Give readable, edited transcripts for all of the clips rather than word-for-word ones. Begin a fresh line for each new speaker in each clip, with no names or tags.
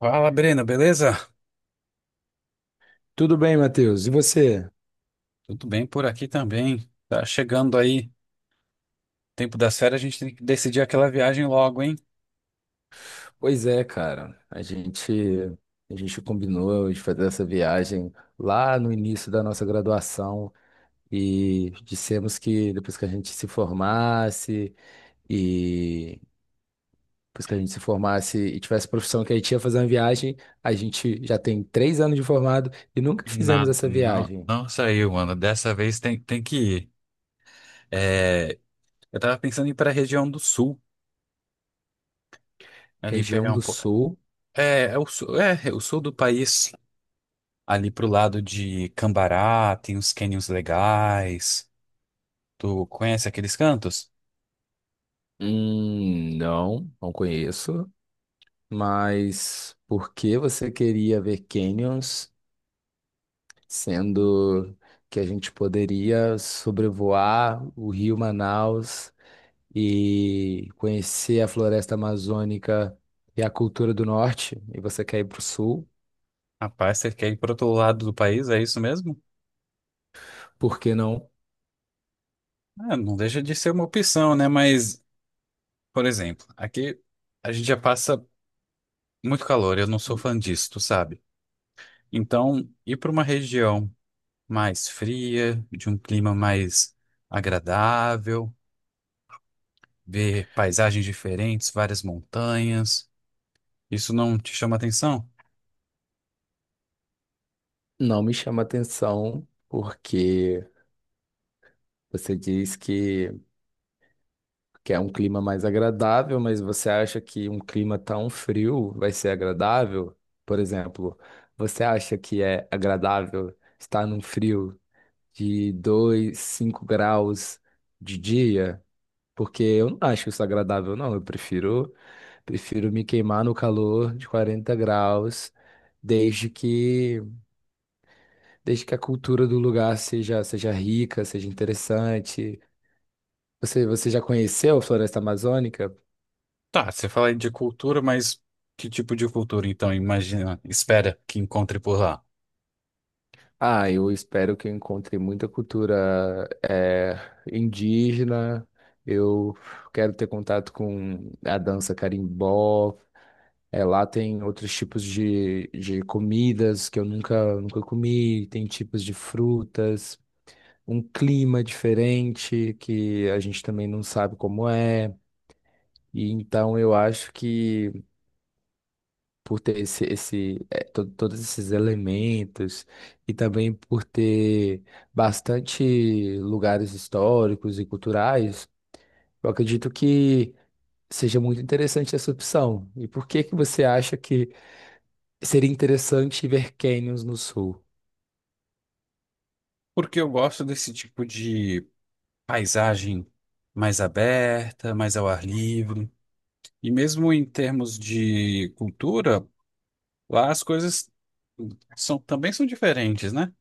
Fala, Breno, beleza?
Tudo bem, Matheus? E você?
Tudo bem por aqui também. Tá chegando aí, tempo das férias, a gente tem que decidir aquela viagem logo, hein?
Pois é, cara. A gente combinou de fazer essa viagem lá no início da nossa graduação e dissemos que depois que a gente se formasse e depois que a gente se formasse e tivesse profissão que a gente ia fazer uma viagem. A gente já tem 3 anos de formado e nunca fizemos
Nada,
essa
não,
viagem.
não saiu, mano. Dessa vez tem, que ir. É, eu tava pensando em ir pra região do sul, ali
Região
pegar um
do
pouco.
Sul?
É, é o sul, é o sul do país. Ali pro lado de Cambará, tem uns cânions legais. Tu conhece aqueles cantos?
Não, não conheço. Mas por que você queria ver canyons, sendo que a gente poderia sobrevoar o Rio Manaus e conhecer a floresta amazônica e a cultura do norte, e você quer ir para o sul?
Rapaz, você quer ir pro outro lado do país, é isso mesmo?
Por que não?
Ah, não deixa de ser uma opção, né? Mas, por exemplo, aqui a gente já passa muito calor, eu não sou fã disso, tu sabe? Então, ir para uma região mais fria, de um clima mais agradável, ver paisagens diferentes, várias montanhas, isso não te chama atenção?
Não me chama atenção, porque você diz que quer um clima mais agradável, mas você acha que um clima tão frio vai ser agradável? Por exemplo, você acha que é agradável estar num frio de 25 graus de dia? Porque eu não acho isso agradável, não. Eu prefiro me queimar no calor de 40 graus, desde que, desde que a cultura do lugar seja rica, seja interessante. Você já conheceu a Floresta Amazônica?
Tá, você fala aí de cultura, mas que tipo de cultura, então, imagina, espera que encontre por lá?
Ah, eu espero que eu encontre muita cultura indígena. Eu quero ter contato com a dança carimbó. É, lá tem outros tipos de comidas que eu nunca, nunca comi, tem tipos de frutas, um clima diferente que a gente também não sabe como é. E então eu acho que, por ter todos esses elementos e também por ter bastante lugares históricos e culturais, eu acredito que seja muito interessante essa opção. E por que que você acha que seria interessante ver canyons no sul?
Porque eu gosto desse tipo de paisagem mais aberta, mais ao ar livre. E mesmo em termos de cultura, lá as coisas são, também são diferentes, né?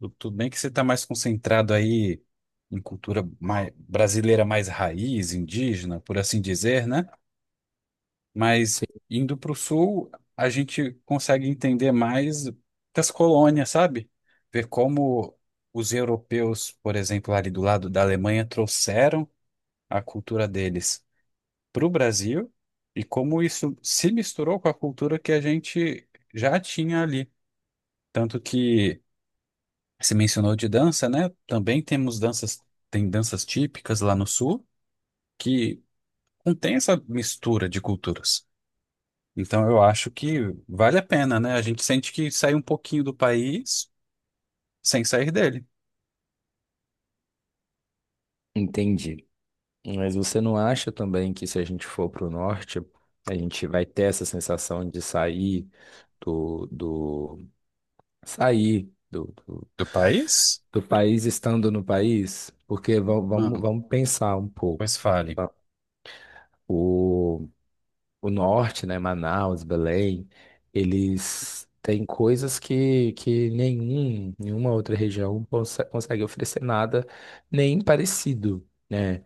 Tudo bem que você está mais concentrado aí em cultura mais, brasileira mais raiz, indígena, por assim dizer, né? Mas
Sim,
indo para o sul, a gente consegue entender mais das colônias, sabe? Ver como os europeus, por exemplo, ali do lado da Alemanha, trouxeram a cultura deles para o Brasil e como isso se misturou com a cultura que a gente já tinha ali. Tanto que se mencionou de dança, né? Também temos danças, tem danças típicas lá no sul que contém essa mistura de culturas. Então eu acho que vale a pena, né? A gente sente que sai um pouquinho do país sem sair dele.
entendi. Mas você não acha também que, se a gente for para o norte, a gente vai ter essa sensação de sair do, do sair do, do,
Do país?
do país estando no país? Porque va- vamos,
Hum,
vamos pensar um pouco.
pois fale.
Tá? O, o norte, né, Manaus, Belém, eles têm coisas que nenhuma outra região consegue oferecer nada nem parecido, né?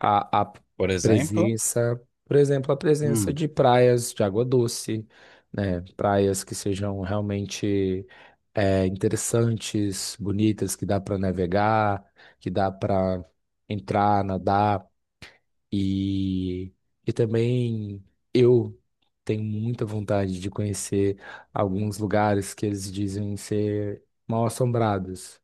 A
Por exemplo,
presença, por exemplo, a presença
hum,
de praias de água doce, né? Praias que sejam realmente, é, interessantes, bonitas, que dá para navegar, que dá para entrar, nadar. E, e também eu tenho muita vontade de conhecer alguns lugares que eles dizem ser mal-assombrados.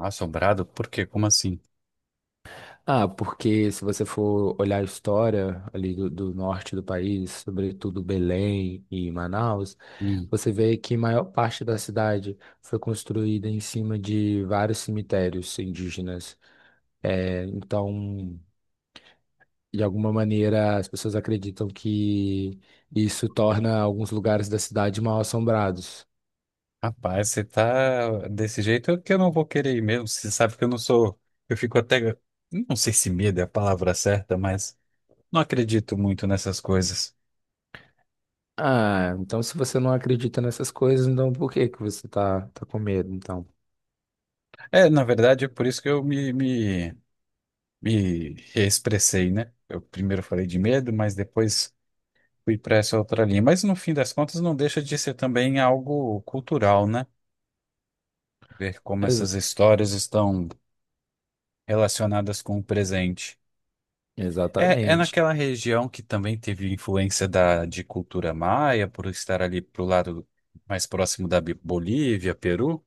assombrado, por quê? Como assim?
Ah, porque, se você for olhar a história ali do norte do país, sobretudo Belém e Manaus,
Hum,
você vê que a maior parte da cidade foi construída em cima de vários cemitérios indígenas. É, então, de alguma maneira as pessoas acreditam que isso torna alguns lugares da cidade mal assombrados.
rapaz, você tá desse jeito é que eu não vou querer ir mesmo. Você sabe que eu não sou. Eu fico até. Não sei se medo é a palavra certa, mas não acredito muito nessas coisas.
Ah, então, se você não acredita nessas coisas, então por que que você tá, tá com medo, então?
É, na verdade, é por isso que eu me expressei, né? Eu primeiro falei de medo, mas depois fui para essa outra linha. Mas no fim das contas, não deixa de ser também algo cultural, né? Ver como
Ex-
essas histórias estão relacionadas com o presente. É, é
exatamente.
naquela região que também teve influência da, de cultura maia, por estar ali pro lado mais próximo da Bolívia, Peru.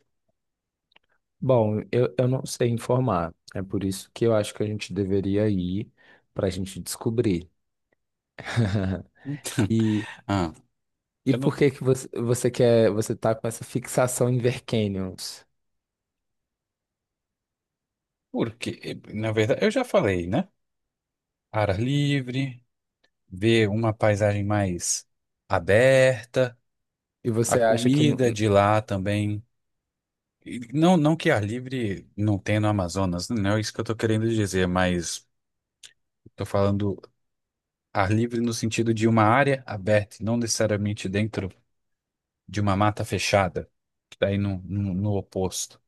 Bom, eu não sei informar. É por isso que eu acho que a gente deveria ir, para a gente descobrir. E,
Ah,
e
eu não,
por que que você tá com essa fixação em ver canyons?
porque, na verdade, eu já falei, né? Ar livre, ver uma paisagem mais aberta,
E
a
você acha que não...
comida de lá também. E não, não que ar livre não tenha no Amazonas, não é isso que eu estou querendo dizer, mas estou falando ar livre no sentido de uma área aberta, não necessariamente dentro de uma mata fechada, que daí no oposto.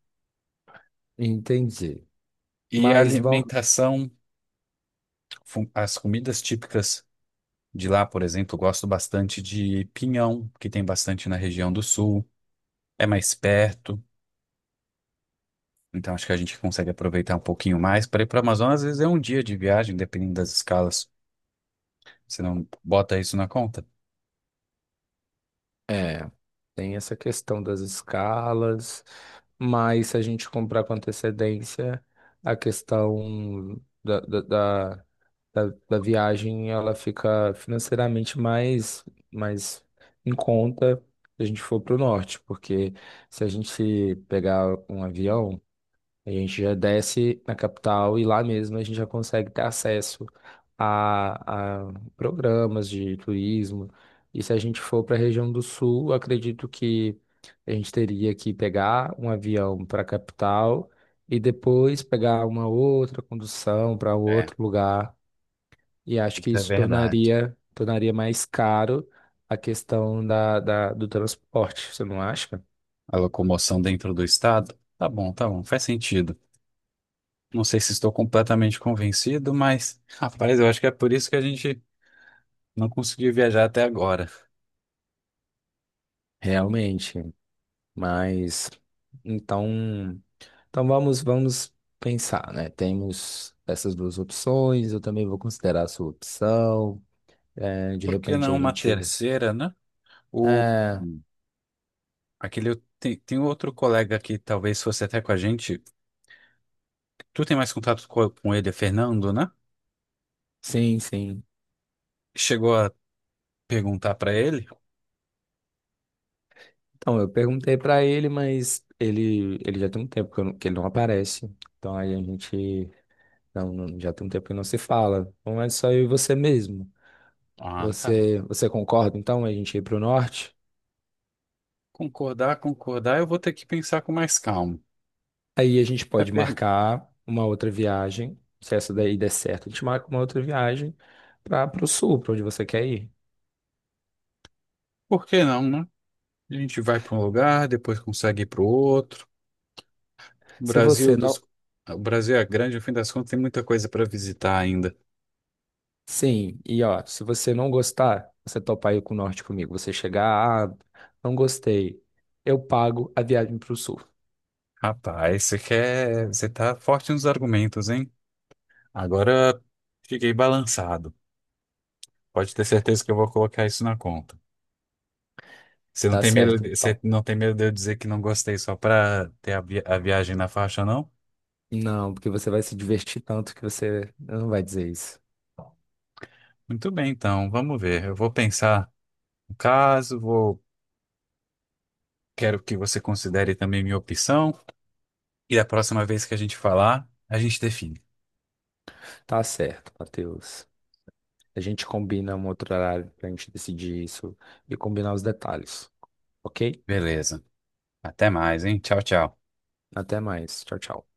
Entendi.
E a
Mas vamos,
alimentação, as comidas típicas de lá, por exemplo, eu gosto bastante de pinhão, que tem bastante na região do sul, é mais perto, então acho que a gente consegue aproveitar um pouquinho mais. Para ir para o Amazonas, às vezes é um dia de viagem, dependendo das escalas. Você não bota isso na conta?
É, tem essa questão das escalas, mas, se a gente comprar com antecedência, a questão da viagem, ela fica financeiramente mais em conta se a gente for para o norte, porque, se a gente pegar um avião, a gente já desce na capital e lá mesmo a gente já consegue ter acesso a programas de turismo. E, se a gente for para a região do sul, eu acredito que a gente teria que pegar um avião para a capital e depois pegar uma outra condução para
É,
outro lugar. E acho que
isso é
isso
verdade.
tornaria mais caro a questão do transporte, você não acha?
A locomoção dentro do estado? Tá bom, faz sentido. Não sei se estou completamente convencido, mas, rapaz, eu acho que é por isso que a gente não conseguiu viajar até agora.
Realmente. Mas então. Então vamos pensar, né? Temos essas duas opções, eu também vou considerar a sua opção. É, de
Por que
repente
não
a
uma
gente.
terceira, né? O,
É,
aquele, tem, outro colega que talvez fosse até com a gente. Tu tem mais contato com, ele, é Fernando, né?
sim, sim.
Chegou a perguntar pra ele?
Então eu perguntei para ele, mas ele já tem um tempo que ele não aparece. Então aí a gente, já tem um tempo que não se fala. Então é só eu e você mesmo.
Ah, tá.
Você concorda então a gente ir para o norte?
Concordar, concordar, eu vou ter que pensar com mais calma.
Aí a gente
É
pode
per...
marcar uma outra viagem. Se essa daí der certo, a gente marca uma outra viagem para o sul, para onde você quer ir.
Por que não, né? A gente vai para um lugar, depois consegue ir para o outro. O
Se
Brasil
você
dos...
não.
O Brasil é grande, no fim das contas, tem muita coisa para visitar ainda.
Sim, e ó, se você não gostar, você topar ir com o norte comigo, você chegar, ah, não gostei, eu pago a viagem para o sul.
Rapaz, você quer... você tá forte nos argumentos, hein? Agora fiquei balançado. Pode ter certeza que eu vou colocar isso na conta. Você não
Tá
tem medo
certo,
de... você
então.
não tem medo de eu dizer que não gostei só para ter a, a viagem na faixa, não?
Não, porque você vai se divertir tanto que você não vai dizer isso.
Muito bem, então, vamos ver. Eu vou pensar no caso, vou... quero que você considere também minha opção. E da próxima vez que a gente falar, a gente define.
Tá certo, Matheus. A gente combina um outro horário pra gente decidir isso e combinar os detalhes, ok?
Beleza. Até mais, hein? Tchau, tchau.
Até mais. Tchau, tchau.